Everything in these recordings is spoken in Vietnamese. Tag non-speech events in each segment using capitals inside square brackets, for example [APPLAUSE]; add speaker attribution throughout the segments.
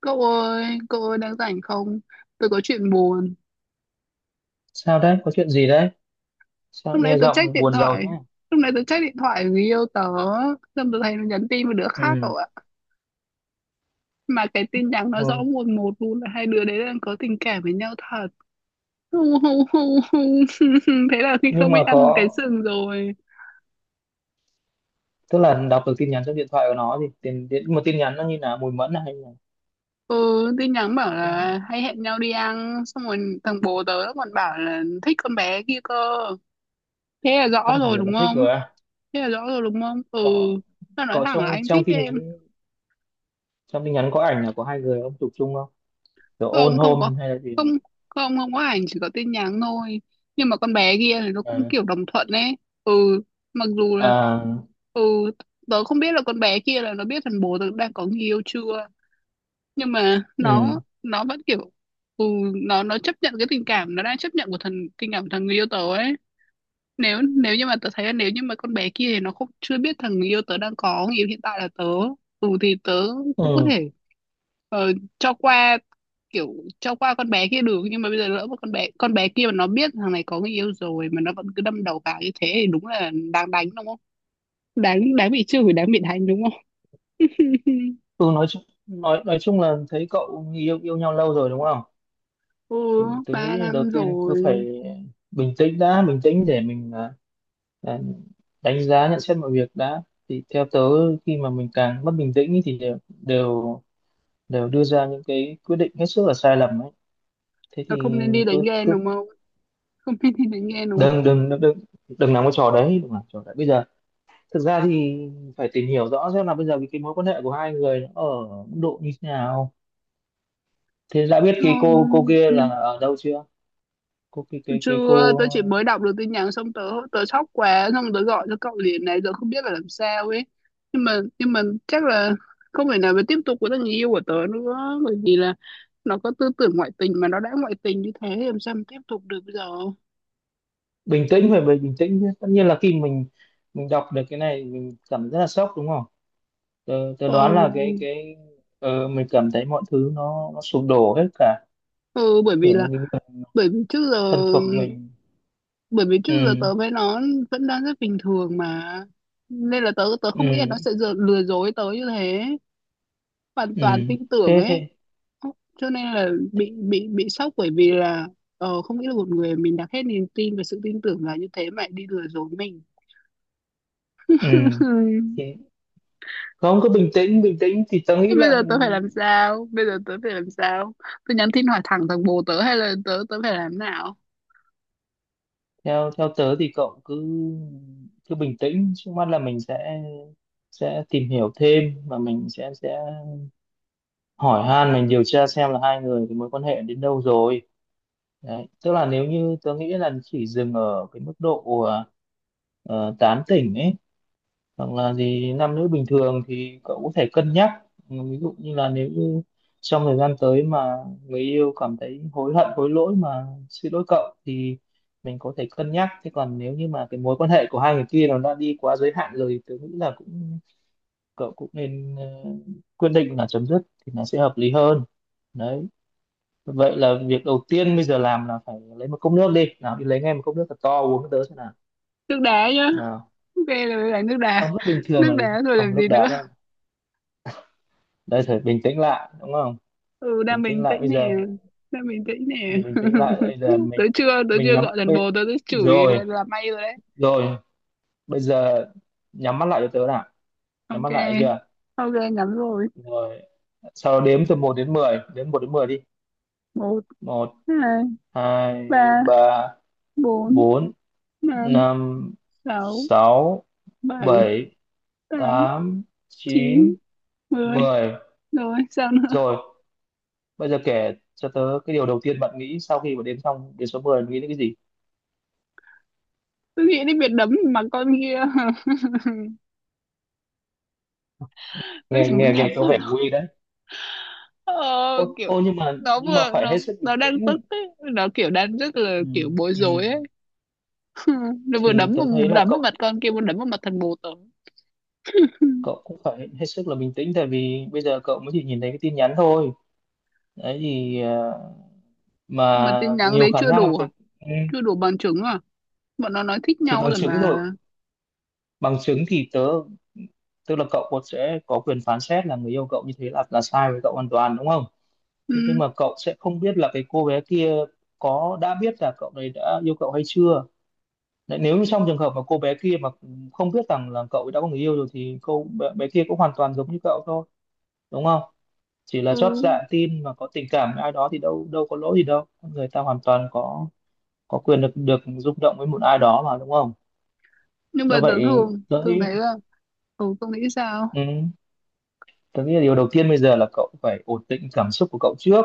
Speaker 1: Cậu ơi đang rảnh không? Tôi có chuyện buồn.
Speaker 2: Sao đấy? Có chuyện gì đấy?
Speaker 1: Lúc
Speaker 2: Sao
Speaker 1: nãy
Speaker 2: nghe
Speaker 1: tôi check
Speaker 2: giọng
Speaker 1: điện
Speaker 2: buồn rầu
Speaker 1: thoại.
Speaker 2: thế?
Speaker 1: Lúc nãy tôi check điện thoại của người yêu tớ. Xong tôi thấy nó nhắn tin với đứa khác
Speaker 2: Ừ.
Speaker 1: cậu ạ. Mà cái tin nhắn nó rõ
Speaker 2: Ừ.
Speaker 1: mồn một luôn là hai đứa đấy đang có tình cảm với nhau thật. Hu, hu, hu, hu. [LAUGHS] Thế là khi
Speaker 2: Nhưng
Speaker 1: không biết
Speaker 2: mà
Speaker 1: ăn cái
Speaker 2: có,
Speaker 1: sừng rồi.
Speaker 2: tức là đọc được tin nhắn trong điện thoại của nó thì tin tin- một tin nhắn nó như là mùi mẫn à, hay là
Speaker 1: Ừ, tin nhắn bảo là hay hẹn nhau đi ăn. Xong rồi thằng bố tớ nó còn bảo là thích con bé kia cơ. Thế là
Speaker 2: tức
Speaker 1: rõ
Speaker 2: là
Speaker 1: rồi
Speaker 2: hiểu là
Speaker 1: đúng
Speaker 2: thích
Speaker 1: không?
Speaker 2: rồi à?
Speaker 1: Thế là rõ rồi đúng không? Ừ,
Speaker 2: Có
Speaker 1: nó nói
Speaker 2: có
Speaker 1: thẳng là
Speaker 2: trong
Speaker 1: anh
Speaker 2: trong
Speaker 1: thích
Speaker 2: tin
Speaker 1: em.
Speaker 2: nhắn, trong tin nhắn có ảnh là của hai người ông chụp chung không? Kiểu ôn
Speaker 1: Không, không có.
Speaker 2: hôn hay là gì
Speaker 1: Không,
Speaker 2: không?
Speaker 1: không, không có ảnh, chỉ có tin nhắn thôi. Nhưng mà con bé kia thì nó cũng
Speaker 2: Ừ.
Speaker 1: kiểu đồng thuận ấy. Ừ, mặc dù là,
Speaker 2: À,
Speaker 1: ừ, tớ không biết là con bé kia là nó biết thằng bố tớ đang có người yêu chưa, nhưng mà
Speaker 2: ừ.
Speaker 1: nó vẫn kiểu, ừ, nó chấp nhận cái tình cảm nó đang chấp nhận của thằng người yêu tớ ấy. Nếu nếu như mà tớ thấy là nếu như mà con bé kia thì nó không, chưa biết thằng người yêu tớ đang có người yêu hiện tại là tớ, ừ thì tớ cũng có
Speaker 2: Ừ.
Speaker 1: thể cho qua, kiểu cho qua con bé kia được. Nhưng mà bây giờ lỡ một con bé kia mà nó biết thằng này có người yêu rồi mà nó vẫn cứ đâm đầu vào như thế thì đúng là đáng đánh đúng không? Đáng đáng bị chửi, đáng bị đánh đúng không? [LAUGHS]
Speaker 2: Ừ, nói chung nói chung là thấy cậu yêu yêu nhau lâu rồi đúng không?
Speaker 1: Ừ,
Speaker 2: Thì tôi
Speaker 1: ba
Speaker 2: nghĩ đầu
Speaker 1: năm
Speaker 2: tiên cứ phải
Speaker 1: rồi.
Speaker 2: bình tĩnh đã, bình tĩnh để mình Ờ, đánh giá nhận xét mọi việc đã. Thì theo tớ khi mà mình càng mất bình tĩnh ý thì đều đều đều đưa ra những cái quyết định hết sức là sai lầm ấy. Thế
Speaker 1: Là
Speaker 2: thì
Speaker 1: không nên đi đánh
Speaker 2: cứ
Speaker 1: ghen
Speaker 2: cứ
Speaker 1: đúng không? Không nên đi đánh ghen đúng không?
Speaker 2: đừng đừng đừng đừng, đừng làm cái trò đấy, đừng làm trò đấy bây giờ. Thực ra thì phải tìm hiểu rõ xem là bây giờ cái mối quan hệ của hai người nó ở mức độ như thế nào. Thế đã biết cái cô
Speaker 1: Không,
Speaker 2: kia là
Speaker 1: nhưng
Speaker 2: ở đâu chưa? Cô cái
Speaker 1: chưa,
Speaker 2: cô
Speaker 1: tớ chỉ mới đọc được tin nhắn xong, tớ tớ sốc quá, xong tớ gọi cho cậu liền này, giờ không biết phải làm sao ấy. Nhưng mà chắc là không thể nào mà tiếp tục với thằng người yêu của tớ nữa, bởi vì là nó có tư tưởng ngoại tình, mà nó đã ngoại tình như thế thì làm sao mà tiếp tục được bây giờ.
Speaker 2: Bình tĩnh, phải bình tĩnh chứ, tất nhiên là khi mình đọc được cái này mình cảm thấy rất là sốc đúng không? Tớ đoán là
Speaker 1: Ồ,
Speaker 2: cái mình cảm thấy mọi thứ nó sụp đổ hết cả,
Speaker 1: ừ, bởi vì
Speaker 2: kiểu như
Speaker 1: là,
Speaker 2: những người
Speaker 1: bởi vì trước giờ
Speaker 2: thân thuộc mình.
Speaker 1: bởi vì trước giờ
Speaker 2: Ừ.
Speaker 1: tớ với nó vẫn đang rất bình thường mà, nên là tớ tớ không nghĩ là
Speaker 2: Ừ.
Speaker 1: nó sẽ giờ lừa dối tớ như thế. Hoàn
Speaker 2: Ừ.
Speaker 1: toàn tin tưởng
Speaker 2: thế
Speaker 1: ấy.
Speaker 2: thế
Speaker 1: Ốc, cho nên là bị bị sốc, bởi vì là, ờ, không nghĩ là một người mình đặt hết niềm tin và sự tin tưởng vào như thế mà lại đi lừa dối mình.
Speaker 2: Ừ. Thế.
Speaker 1: [LAUGHS]
Speaker 2: Không, cứ bình tĩnh, bình tĩnh thì tớ
Speaker 1: Thế
Speaker 2: nghĩ
Speaker 1: bây giờ
Speaker 2: là
Speaker 1: tớ phải làm sao, bây giờ tớ phải làm sao? Tớ nhắn tin hỏi thẳng thằng bồ tớ, hay là tớ tớ phải làm nào?
Speaker 2: theo theo tớ thì cậu cứ cứ bình tĩnh, trước mắt là mình sẽ tìm hiểu thêm và mình sẽ hỏi han, mình điều tra xem là hai người cái mối quan hệ đến đâu rồi. Đấy, tức là nếu như tớ nghĩ là chỉ dừng ở cái mức độ tán tỉnh ấy, hoặc là gì nam nữ bình thường thì cậu có thể cân nhắc. Ừ, ví dụ như là nếu như trong thời gian tới mà người yêu cảm thấy hối hận hối lỗi mà xin lỗi cậu thì mình có thể cân nhắc. Thế còn nếu như mà cái mối quan hệ của hai người kia nó đã đi quá giới hạn rồi thì tôi nghĩ là cũng, cậu cũng nên quyết định là chấm dứt thì nó sẽ hợp lý hơn. Đấy. Vậy là việc đầu tiên bây giờ làm là phải lấy một cốc nước đi, nào đi lấy ngay một cốc nước thật to uống cái tớ xem nào.
Speaker 1: Nước đá nhá.
Speaker 2: Nào.
Speaker 1: Ok, là nước
Speaker 2: Ấm
Speaker 1: đá.
Speaker 2: nước bình thường
Speaker 1: Nước
Speaker 2: là
Speaker 1: đá rồi
Speaker 2: không,
Speaker 1: làm
Speaker 2: nước
Speaker 1: gì
Speaker 2: đá
Speaker 1: nữa?
Speaker 2: là đây, phải bình tĩnh lại đúng không?
Speaker 1: Ừ,
Speaker 2: Bình
Speaker 1: đang
Speaker 2: tĩnh
Speaker 1: bình
Speaker 2: lại
Speaker 1: tĩnh
Speaker 2: bây
Speaker 1: nè.
Speaker 2: giờ,
Speaker 1: Đang bình tĩnh nè.
Speaker 2: bình tĩnh lại bây giờ
Speaker 1: [LAUGHS] tớ
Speaker 2: mình
Speaker 1: chưa tớ
Speaker 2: mình
Speaker 1: chưa
Speaker 2: nhắm
Speaker 1: gọi thằng
Speaker 2: bây,
Speaker 1: bồ tớ tớ chửi
Speaker 2: rồi.
Speaker 1: là may rồi đấy.
Speaker 2: Rồi. Bây giờ nhắm mắt lại cho tớ nào. Nhắm
Speaker 1: Ok.
Speaker 2: mắt lại chưa?
Speaker 1: Ok, ngắn rồi.
Speaker 2: Rồi. Sau đó đếm từ một đến 10, đếm một đến 10 đi.
Speaker 1: Một.
Speaker 2: Một.
Speaker 1: Hai.
Speaker 2: Hai.
Speaker 1: Ba.
Speaker 2: Ba.
Speaker 1: Bốn.
Speaker 2: Bốn.
Speaker 1: Năm.
Speaker 2: Năm.
Speaker 1: Sáu.
Speaker 2: Sáu.
Speaker 1: Bảy.
Speaker 2: Bảy.
Speaker 1: Tám.
Speaker 2: Tám.
Speaker 1: Chín.
Speaker 2: Chín.
Speaker 1: Mười.
Speaker 2: Mười.
Speaker 1: Rồi sao nữa?
Speaker 2: Rồi, bây giờ kể cho tớ cái điều đầu tiên bạn nghĩ sau khi mà đếm xong đến số mười, nghĩ đến cái gì.
Speaker 1: Tôi nghĩ đến việc đấm mà con kia. [LAUGHS] Tôi
Speaker 2: Nghe
Speaker 1: chỉ
Speaker 2: nghe
Speaker 1: muốn đấm
Speaker 2: Nghe có
Speaker 1: vào
Speaker 2: vẻ
Speaker 1: nó.
Speaker 2: nguy.
Speaker 1: Ờ,
Speaker 2: Ô,
Speaker 1: kiểu
Speaker 2: nhưng mà
Speaker 1: nó vừa,
Speaker 2: phải
Speaker 1: nó
Speaker 2: hết sức bình
Speaker 1: nó
Speaker 2: tĩnh.
Speaker 1: đang tức ấy. Nó kiểu đang rất là
Speaker 2: Ừ,
Speaker 1: kiểu bối
Speaker 2: ừ.
Speaker 1: rối ấy. [LAUGHS] Nó vừa
Speaker 2: Thì
Speaker 1: đấm
Speaker 2: tớ
Speaker 1: vào,
Speaker 2: thấy là
Speaker 1: đấm vào
Speaker 2: cậu
Speaker 1: mặt con kia, vừa đấm vào mặt thằng bồ tớ.
Speaker 2: cậu cũng phải hết sức là bình tĩnh, tại vì bây giờ cậu mới chỉ nhìn thấy cái tin nhắn thôi. Đấy thì
Speaker 1: Mà
Speaker 2: mà
Speaker 1: tin nhắn
Speaker 2: nhiều
Speaker 1: đấy
Speaker 2: khả
Speaker 1: chưa
Speaker 2: năng là
Speaker 1: đủ à?
Speaker 2: ừ,
Speaker 1: Chưa đủ bằng chứng à? Bọn nó nói thích
Speaker 2: thì
Speaker 1: nhau
Speaker 2: bằng
Speaker 1: rồi
Speaker 2: chứng
Speaker 1: mà.
Speaker 2: rồi. Bằng chứng thì tớ, tức là cậu cũng sẽ có quyền phán xét là người yêu cậu như thế là sai với cậu hoàn toàn đúng không? Thế nhưng
Speaker 1: Ừ,
Speaker 2: mà cậu sẽ không biết là cái cô bé kia có đã biết là cậu đấy đã yêu cậu hay chưa. Đấy, nếu như trong trường hợp mà cô bé kia mà không biết rằng là cậu ấy đã có người yêu rồi thì bé kia cũng hoàn toàn giống như cậu thôi đúng không? Chỉ là chót
Speaker 1: ừ.
Speaker 2: dạ tin mà có tình cảm với ai đó thì đâu đâu có lỗi gì đâu, người ta hoàn toàn có quyền được được rung động với một ai đó mà đúng không?
Speaker 1: Nhưng mà
Speaker 2: Do
Speaker 1: tớ
Speaker 2: vậy
Speaker 1: thường
Speaker 2: tôi
Speaker 1: thường
Speaker 2: nghĩ
Speaker 1: thấy là, ừ, tôi nghĩ sao.
Speaker 2: ừ, tôi nghĩ là điều đầu tiên bây giờ là cậu phải ổn định cảm xúc của cậu trước,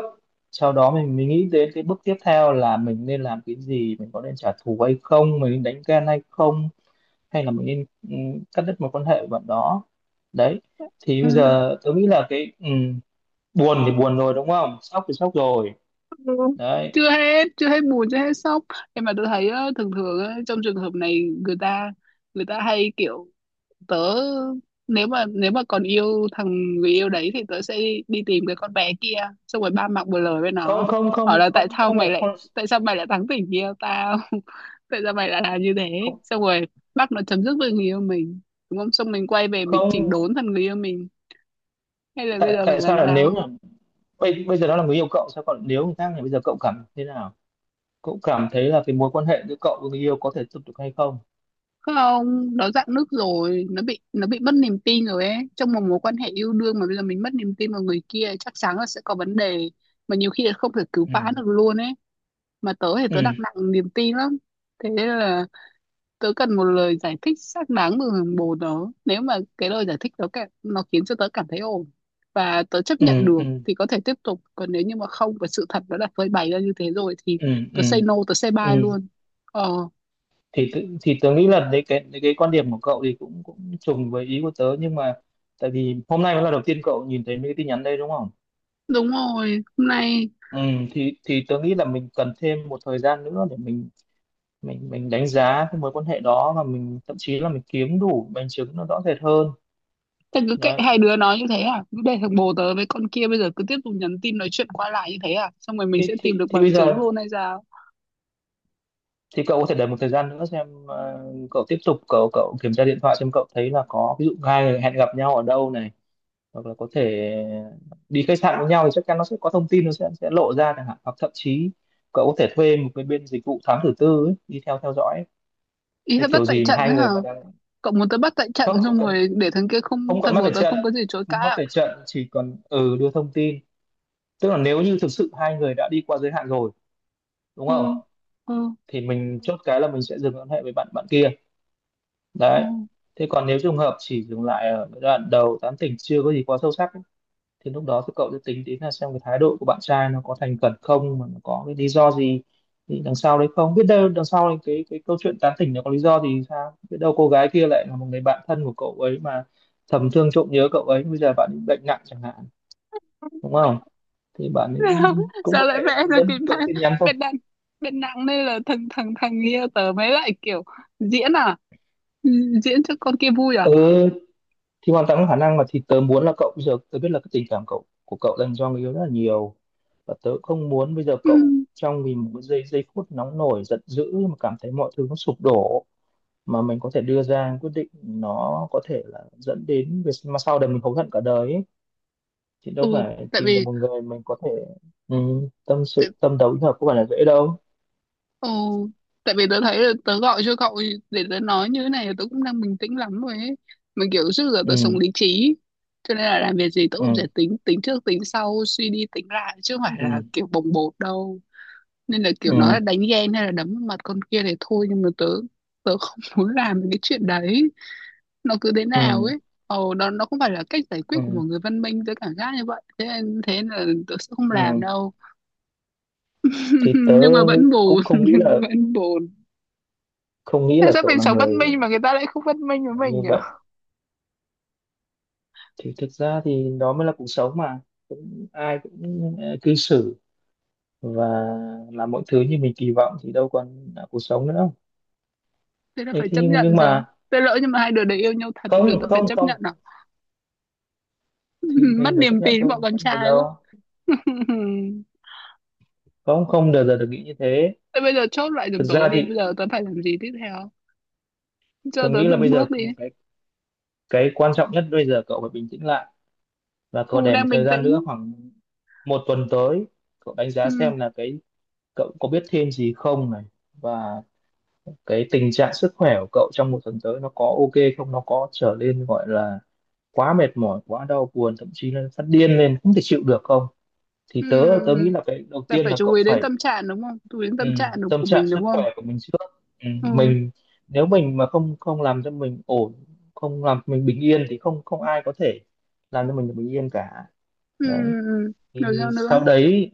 Speaker 2: sau đó mình nghĩ đến cái bước tiếp theo là mình nên làm cái gì, mình có nên trả thù hay không, mình nên đánh ghen hay không, hay là mình nên cắt đứt một quan hệ với bạn đó. Đấy. Thì bây giờ tôi nghĩ là buồn thì
Speaker 1: [LAUGHS]
Speaker 2: buồn rồi đúng không, sốc thì sốc rồi.
Speaker 1: Ừ.
Speaker 2: Đấy.
Speaker 1: chưa hết buồn, chưa hết sốc. Em mà tôi thấy á, thường thường á, trong trường hợp này người ta, người ta hay kiểu, tớ, nếu mà còn yêu thằng người yêu đấy thì tớ sẽ đi, đi tìm cái con bé kia, xong rồi ba mặt một lời với
Speaker 2: Không,
Speaker 1: nó,
Speaker 2: không,
Speaker 1: hỏi
Speaker 2: không,
Speaker 1: là tại
Speaker 2: không,
Speaker 1: sao
Speaker 2: không phải.
Speaker 1: mày lại,
Speaker 2: Không
Speaker 1: thắng tình yêu tao. [LAUGHS] Tại sao mày lại làm như thế,
Speaker 2: không,
Speaker 1: xong rồi bắt nó chấm dứt với người yêu mình đúng không, xong mình quay về mình chỉnh
Speaker 2: không.
Speaker 1: đốn thằng người yêu mình. Hay là bây
Speaker 2: Tại
Speaker 1: giờ phải
Speaker 2: tại sao
Speaker 1: làm
Speaker 2: là nếu
Speaker 1: sao?
Speaker 2: là bây bây giờ nó là người yêu cậu, sao còn nếu người khác thì bây giờ cậu cảm thế nào, cậu cảm thấy là cái mối quan hệ giữa cậu với người yêu có thể tiếp tục hay không?
Speaker 1: Không, nó dạn nứt rồi, nó bị mất niềm tin rồi ấy. Trong một mối quan hệ yêu đương mà bây giờ mình mất niềm tin vào người kia chắc chắn là sẽ có vấn đề, mà nhiều khi là không thể cứu vãn
Speaker 2: Ừ.
Speaker 1: được luôn ấy. Mà tớ thì
Speaker 2: Ừ.
Speaker 1: tớ đặt nặng niềm tin lắm, thế nên là tớ cần một lời giải thích xác đáng từ bồ tớ. Nếu mà cái lời giải thích đó nó khiến cho tớ cảm thấy ổn và tớ chấp
Speaker 2: Ừ.
Speaker 1: nhận được
Speaker 2: Ừ.
Speaker 1: thì có thể tiếp tục, còn nếu như mà không và sự thật nó đã phơi bày ra như thế rồi thì
Speaker 2: Ừ.
Speaker 1: tớ
Speaker 2: Ừ.
Speaker 1: say no, tớ say bye
Speaker 2: Ừ.
Speaker 1: luôn. Ờ.
Speaker 2: Thì tớ nghĩ là đấy cái quan điểm của cậu thì cũng cũng trùng với ý của tớ, nhưng mà tại vì hôm nay mới là đầu tiên cậu nhìn thấy mấy cái tin nhắn đây đúng không?
Speaker 1: Đúng rồi, hôm nay.
Speaker 2: Ừ, thì tớ nghĩ là mình cần thêm một thời gian nữa để mình đánh giá cái mối quan hệ đó, và mình thậm chí là mình kiếm đủ bằng chứng nó rõ rệt hơn.
Speaker 1: Thế cứ kệ
Speaker 2: Đấy
Speaker 1: hai đứa nói như thế à? Cứ để thằng bồ tớ với con kia bây giờ cứ tiếp tục nhắn tin nói chuyện qua lại như thế à? Xong rồi mình sẽ
Speaker 2: thì
Speaker 1: tìm được bằng
Speaker 2: bây
Speaker 1: chứng
Speaker 2: giờ
Speaker 1: luôn hay sao?
Speaker 2: thì cậu có thể đợi một thời gian nữa xem cậu tiếp tục cậu cậu kiểm tra điện thoại xem cậu thấy là có ví dụ hai người hẹn gặp nhau ở đâu này, hoặc là có thể đi khách sạn với nhau thì chắc chắn nó sẽ có thông tin, nó sẽ lộ ra chẳng hạn, hoặc thậm chí cậu có thể thuê một cái bên dịch vụ thám tử tư ấy, đi theo theo dõi ấy.
Speaker 1: Ý
Speaker 2: Thế
Speaker 1: là bắt
Speaker 2: kiểu
Speaker 1: tại
Speaker 2: gì mà
Speaker 1: trận
Speaker 2: hai
Speaker 1: đấy hả?
Speaker 2: người mà đang
Speaker 1: Cậu muốn tớ bắt tại trận
Speaker 2: khóc chỉ
Speaker 1: xong rồi
Speaker 2: cần
Speaker 1: để thằng kia không,
Speaker 2: không còn
Speaker 1: thằng
Speaker 2: mắt
Speaker 1: bồ
Speaker 2: ở
Speaker 1: tớ
Speaker 2: trận,
Speaker 1: không có gì chối cãi
Speaker 2: không mắt
Speaker 1: à?
Speaker 2: ở trận chỉ còn đưa thông tin, tức là nếu như thực sự hai người đã đi qua giới hạn rồi đúng
Speaker 1: Ừ,
Speaker 2: không,
Speaker 1: ừ,
Speaker 2: thì mình chốt cái là mình sẽ dừng quan hệ với bạn bạn kia.
Speaker 1: ừ.
Speaker 2: Đấy. Thế còn nếu trường hợp chỉ dừng lại ở giai đoạn đầu tán tỉnh chưa có gì quá sâu sắc thì lúc đó thì cậu sẽ tính đến là xem cái thái độ của bạn trai nó có thành khẩn không, mà nó có cái lý do gì, thì đằng sau đấy không biết đâu, đằng sau đấy cái câu chuyện tán tỉnh nó có lý do thì sao, biết đâu cô gái kia lại là một người bạn thân của cậu ấy mà thầm thương trộm nhớ cậu ấy, bây giờ bạn ấy bệnh nặng chẳng hạn, đúng không, thì bạn
Speaker 1: [LAUGHS]
Speaker 2: ấy
Speaker 1: Sao,
Speaker 2: cũng
Speaker 1: sao
Speaker 2: có thể
Speaker 1: lại vẽ ra
Speaker 2: đơn
Speaker 1: kịch
Speaker 2: thuần
Speaker 1: bản
Speaker 2: tin nhắn thôi.
Speaker 1: bên nặng, bên nặng đây là thằng thằng thằng kia, tớ mới lại kiểu diễn à? Ừ, diễn cho con kia vui à?
Speaker 2: Ừ thì hoàn toàn có khả năng mà, thì tớ muốn là cậu bây giờ, tớ biết là cái tình cảm cậu, của cậu dành cho người yêu rất là nhiều, và tớ không muốn bây giờ
Speaker 1: Ừ,
Speaker 2: cậu trong vì một cái giây giây phút nóng nổi giận dữ mà cảm thấy mọi thứ nó sụp đổ, mà mình có thể đưa ra quyết định nó có thể là dẫn đến việc mà sau này mình hối hận cả đời ấy. Thì đâu
Speaker 1: ừ,
Speaker 2: phải
Speaker 1: tại
Speaker 2: tìm được
Speaker 1: vì
Speaker 2: một người mình có thể ừ, tâm sự
Speaker 1: tự
Speaker 2: tâm đầu ý hợp có phải là dễ đâu.
Speaker 1: ồ, tại vì tớ thấy là tớ gọi cho cậu, để tớ nói như thế này là tớ cũng đang bình tĩnh lắm rồi ấy. Mình kiểu trước giờ tớ sống
Speaker 2: Ừ.
Speaker 1: lý trí, cho nên là làm việc gì tớ cũng sẽ
Speaker 2: Ừ.
Speaker 1: tính tính trước tính sau, suy đi tính lại chứ không phải là
Speaker 2: Ừ.
Speaker 1: kiểu bồng bột đâu. Nên là kiểu nói là
Speaker 2: Ừ.
Speaker 1: đánh ghen hay là đấm vào mặt con kia thì thôi, nhưng mà tớ, tớ không [LAUGHS] muốn làm cái chuyện đấy. Nó cứ thế
Speaker 2: Ừ.
Speaker 1: nào ấy. Ồ, đó nó không phải là cách giải quyết của
Speaker 2: Ừ.
Speaker 1: một người văn minh, tớ cảm giác như vậy. Thế nên là tớ sẽ không làm
Speaker 2: Ừ.
Speaker 1: đâu.
Speaker 2: Thì
Speaker 1: [LAUGHS]
Speaker 2: tớ
Speaker 1: Nhưng mà vẫn buồn,
Speaker 2: cũng
Speaker 1: [LAUGHS]
Speaker 2: không nghĩ
Speaker 1: nhưng mà
Speaker 2: là,
Speaker 1: vẫn buồn.
Speaker 2: không nghĩ
Speaker 1: Tại
Speaker 2: là
Speaker 1: sao
Speaker 2: cậu
Speaker 1: mình
Speaker 2: là
Speaker 1: sống văn
Speaker 2: người
Speaker 1: minh mà người ta lại không văn minh với mình
Speaker 2: như
Speaker 1: nhỉ?
Speaker 2: vậy. Thì thực ra thì đó mới là cuộc sống mà, cũng ai cũng cư xử và làm mọi thứ như mình kỳ vọng thì đâu còn là cuộc sống nữa.
Speaker 1: Thế là
Speaker 2: thế
Speaker 1: phải
Speaker 2: thế
Speaker 1: chấp
Speaker 2: nhưng
Speaker 1: nhận sao?
Speaker 2: mà
Speaker 1: Thế lỡ nhưng mà hai đứa đấy yêu nhau thật thì đứa
Speaker 2: không,
Speaker 1: tớ phải
Speaker 2: không,
Speaker 1: chấp
Speaker 2: không,
Speaker 1: nhận à?
Speaker 2: thì
Speaker 1: [LAUGHS] Mất
Speaker 2: mình phải chấp
Speaker 1: niềm
Speaker 2: nhận
Speaker 1: tin
Speaker 2: thôi
Speaker 1: bọn con
Speaker 2: có nào
Speaker 1: trai quá.
Speaker 2: đâu,
Speaker 1: [LAUGHS]
Speaker 2: không, không bao giờ được nghĩ như thế.
Speaker 1: Thế bây giờ chốt lại
Speaker 2: Thực
Speaker 1: giùm tớ
Speaker 2: ra
Speaker 1: đi,
Speaker 2: thì
Speaker 1: bây giờ tớ phải làm gì tiếp theo? Cho
Speaker 2: tôi
Speaker 1: tớ
Speaker 2: nghĩ là
Speaker 1: từng
Speaker 2: bây giờ
Speaker 1: bước đi.
Speaker 2: cái cái quan trọng nhất bây giờ cậu phải bình tĩnh lại, và cậu
Speaker 1: Ừ,
Speaker 2: để một
Speaker 1: đang
Speaker 2: thời
Speaker 1: bình
Speaker 2: gian nữa
Speaker 1: tĩnh.
Speaker 2: khoảng một tuần tới cậu đánh giá
Speaker 1: Ừ,
Speaker 2: xem là cái cậu có biết thêm gì không này, và cái tình trạng sức khỏe của cậu trong một tuần tới nó có ok không, nó có trở nên gọi là quá mệt mỏi, quá đau buồn, thậm chí là phát điên lên không thể chịu được không. Thì tớ tớ nghĩ
Speaker 1: ừ.
Speaker 2: là cái đầu
Speaker 1: Là
Speaker 2: tiên
Speaker 1: phải
Speaker 2: là
Speaker 1: chú
Speaker 2: cậu
Speaker 1: ý đến
Speaker 2: phải
Speaker 1: tâm trạng đúng không, chú ý đến
Speaker 2: ừ,
Speaker 1: tâm trạng đúng
Speaker 2: tâm
Speaker 1: của
Speaker 2: trạng
Speaker 1: mình
Speaker 2: sức
Speaker 1: đúng
Speaker 2: khỏe
Speaker 1: không?
Speaker 2: của mình trước,
Speaker 1: Ừ,
Speaker 2: mình, nếu mình mà không, làm cho mình ổn, không làm cho mình bình yên thì không, không ai có thể làm cho mình được bình yên cả.
Speaker 1: ừ.
Speaker 2: Đấy.
Speaker 1: Ừ. Rồi
Speaker 2: Thì
Speaker 1: sao nữa?
Speaker 2: sau đấy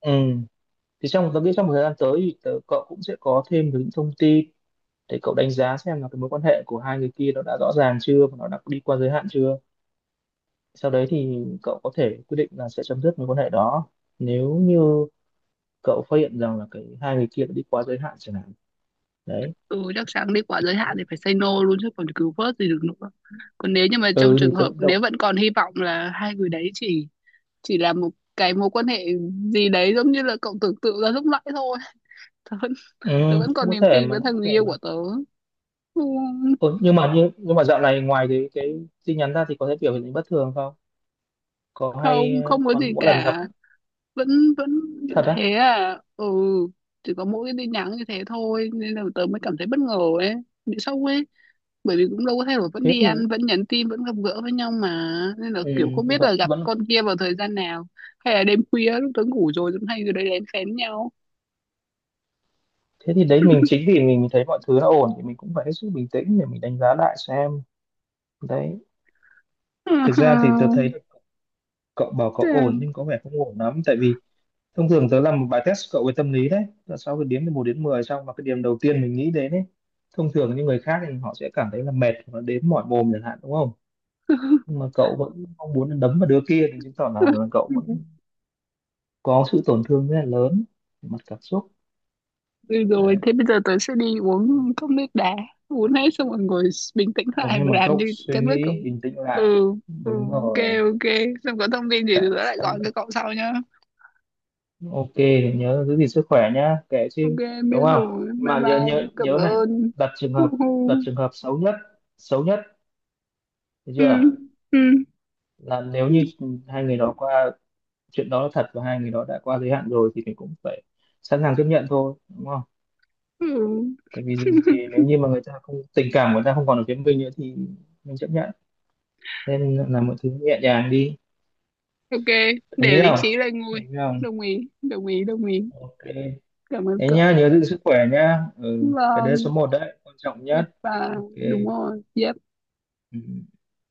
Speaker 2: ừ, thì trong tớ nghĩ trong một thời gian tới thì cậu cũng sẽ có thêm được những thông tin để cậu đánh giá xem là cái mối quan hệ của hai người kia nó đã rõ ràng chưa và nó đã đi qua giới hạn chưa, sau đấy thì cậu có thể quyết định là sẽ chấm dứt mối quan hệ đó nếu như cậu phát hiện rằng là hai người kia đã đi quá giới hạn chẳng hạn. Đấy.
Speaker 1: Ừ, chắc chắn đi quá giới hạn thì phải say no luôn chứ còn cứu vớt gì được nữa. Còn nếu như mà trong
Speaker 2: Ừ thì
Speaker 1: trường hợp
Speaker 2: tự động.
Speaker 1: nếu vẫn còn hy vọng là hai người đấy chỉ là một cái mối quan hệ gì đấy giống như là cậu tưởng tượng ra lúc nãy thôi. [LAUGHS] tớ vẫn,
Speaker 2: Ừ,
Speaker 1: Tớ vẫn còn niềm tin với
Speaker 2: cũng
Speaker 1: thằng
Speaker 2: có
Speaker 1: người
Speaker 2: thể
Speaker 1: yêu
Speaker 2: mà.
Speaker 1: của tớ. Không,
Speaker 2: Ừ, nhưng mà dạo này ngoài cái tin nhắn ra thì có thể biểu hiện bất thường không, có hay
Speaker 1: không, không có gì
Speaker 2: còn mỗi lần gặp.
Speaker 1: cả. Vẫn vẫn như
Speaker 2: Thật á?
Speaker 1: thế à? Ừ, chỉ có mỗi cái tin nhắn như thế thôi nên là tớ mới cảm thấy bất ngờ ấy, bị sốc ấy. Bởi vì cũng đâu có thay đổi, vẫn
Speaker 2: Thế
Speaker 1: đi
Speaker 2: thì
Speaker 1: ăn, vẫn nhắn tin, vẫn gặp gỡ với nhau mà. Nên là kiểu
Speaker 2: ừ,
Speaker 1: không biết
Speaker 2: vẫn
Speaker 1: là gặp
Speaker 2: vẫn
Speaker 1: con kia vào thời gian nào, hay là đêm khuya lúc tớ ngủ rồi cũng hay rồi đấy, lén phén nhau.
Speaker 2: Thế thì đấy, mình chính vì mình thấy mọi thứ nó ổn thì mình cũng phải hết sức bình tĩnh để mình đánh giá lại xem. Đấy. Thực ra thì tôi
Speaker 1: [LAUGHS]
Speaker 2: thấy cậu bảo cậu
Speaker 1: Chào.
Speaker 2: ổn nhưng có vẻ không ổn lắm, tại vì thông thường tớ làm một bài test cậu về tâm lý đấy. Là sau cái điểm từ một đến 10 xong mà cái điểm đầu tiên mình nghĩ đến ấy, thông thường những người khác thì họ sẽ cảm thấy là mệt và đến mỏi mồm chẳng hạn đúng không? Nhưng mà cậu vẫn mong muốn là đấm vào đứa kia thì chứng tỏ là cậu vẫn có sự tổn thương rất là lớn về mặt cảm xúc.
Speaker 1: Ừ rồi
Speaker 2: Đấy.
Speaker 1: thế bây giờ tớ sẽ đi uống cốc nước đá, uống hết xong rồi ngồi bình tĩnh
Speaker 2: Dùng
Speaker 1: lại
Speaker 2: thêm
Speaker 1: và
Speaker 2: bằng
Speaker 1: làm
Speaker 2: cốc
Speaker 1: như
Speaker 2: suy
Speaker 1: cái bước
Speaker 2: nghĩ
Speaker 1: cậu.
Speaker 2: bình tĩnh
Speaker 1: Ừ.
Speaker 2: lại.
Speaker 1: Ừ,
Speaker 2: Đúng
Speaker 1: ok.
Speaker 2: rồi.
Speaker 1: Ok, xong có thông tin gì thì tớ lại
Speaker 2: Sau
Speaker 1: gọi
Speaker 2: đó-
Speaker 1: cho cậu sau nhá.
Speaker 2: ok, nhớ giữ gìn sức khỏe nhá, kệ
Speaker 1: Ok,
Speaker 2: chứ,
Speaker 1: biết
Speaker 2: đúng không?
Speaker 1: rồi, bye
Speaker 2: Mà nhớ
Speaker 1: bye,
Speaker 2: nhớ
Speaker 1: cảm
Speaker 2: nhớ này,
Speaker 1: ơn.
Speaker 2: đặt trường
Speaker 1: [LAUGHS] Ừ.
Speaker 2: hợp, đặt trường hợp xấu nhất, được chưa?
Speaker 1: Ừ.
Speaker 2: Là nếu
Speaker 1: Ừ.
Speaker 2: như hai người đó qua, chuyện đó là thật và hai người đó đã qua giới hạn rồi thì mình cũng phải sẵn sàng chấp nhận thôi đúng không,
Speaker 1: Ừ.
Speaker 2: tại vì dù gì
Speaker 1: [LAUGHS]
Speaker 2: nếu như mà người ta không, tình cảm của người ta không còn ở phía mình nữa thì mình chấp nhận, nên là mọi thứ nhẹ nhàng đi.
Speaker 1: Ok,
Speaker 2: Đồng
Speaker 1: để
Speaker 2: ý
Speaker 1: lý
Speaker 2: không?
Speaker 1: trí lên ngôi.
Speaker 2: Đồng ý không?
Speaker 1: Đồng ý, đồng ý, đồng ý.
Speaker 2: Ok.
Speaker 1: Cảm ơn
Speaker 2: Thế
Speaker 1: cậu.
Speaker 2: nhá, nhớ giữ sức khỏe nhá, ừ, cái đấy số
Speaker 1: Vâng,
Speaker 2: một đấy quan trọng nhất.
Speaker 1: và đúng
Speaker 2: Ok.
Speaker 1: rồi. Yes.
Speaker 2: Ừ.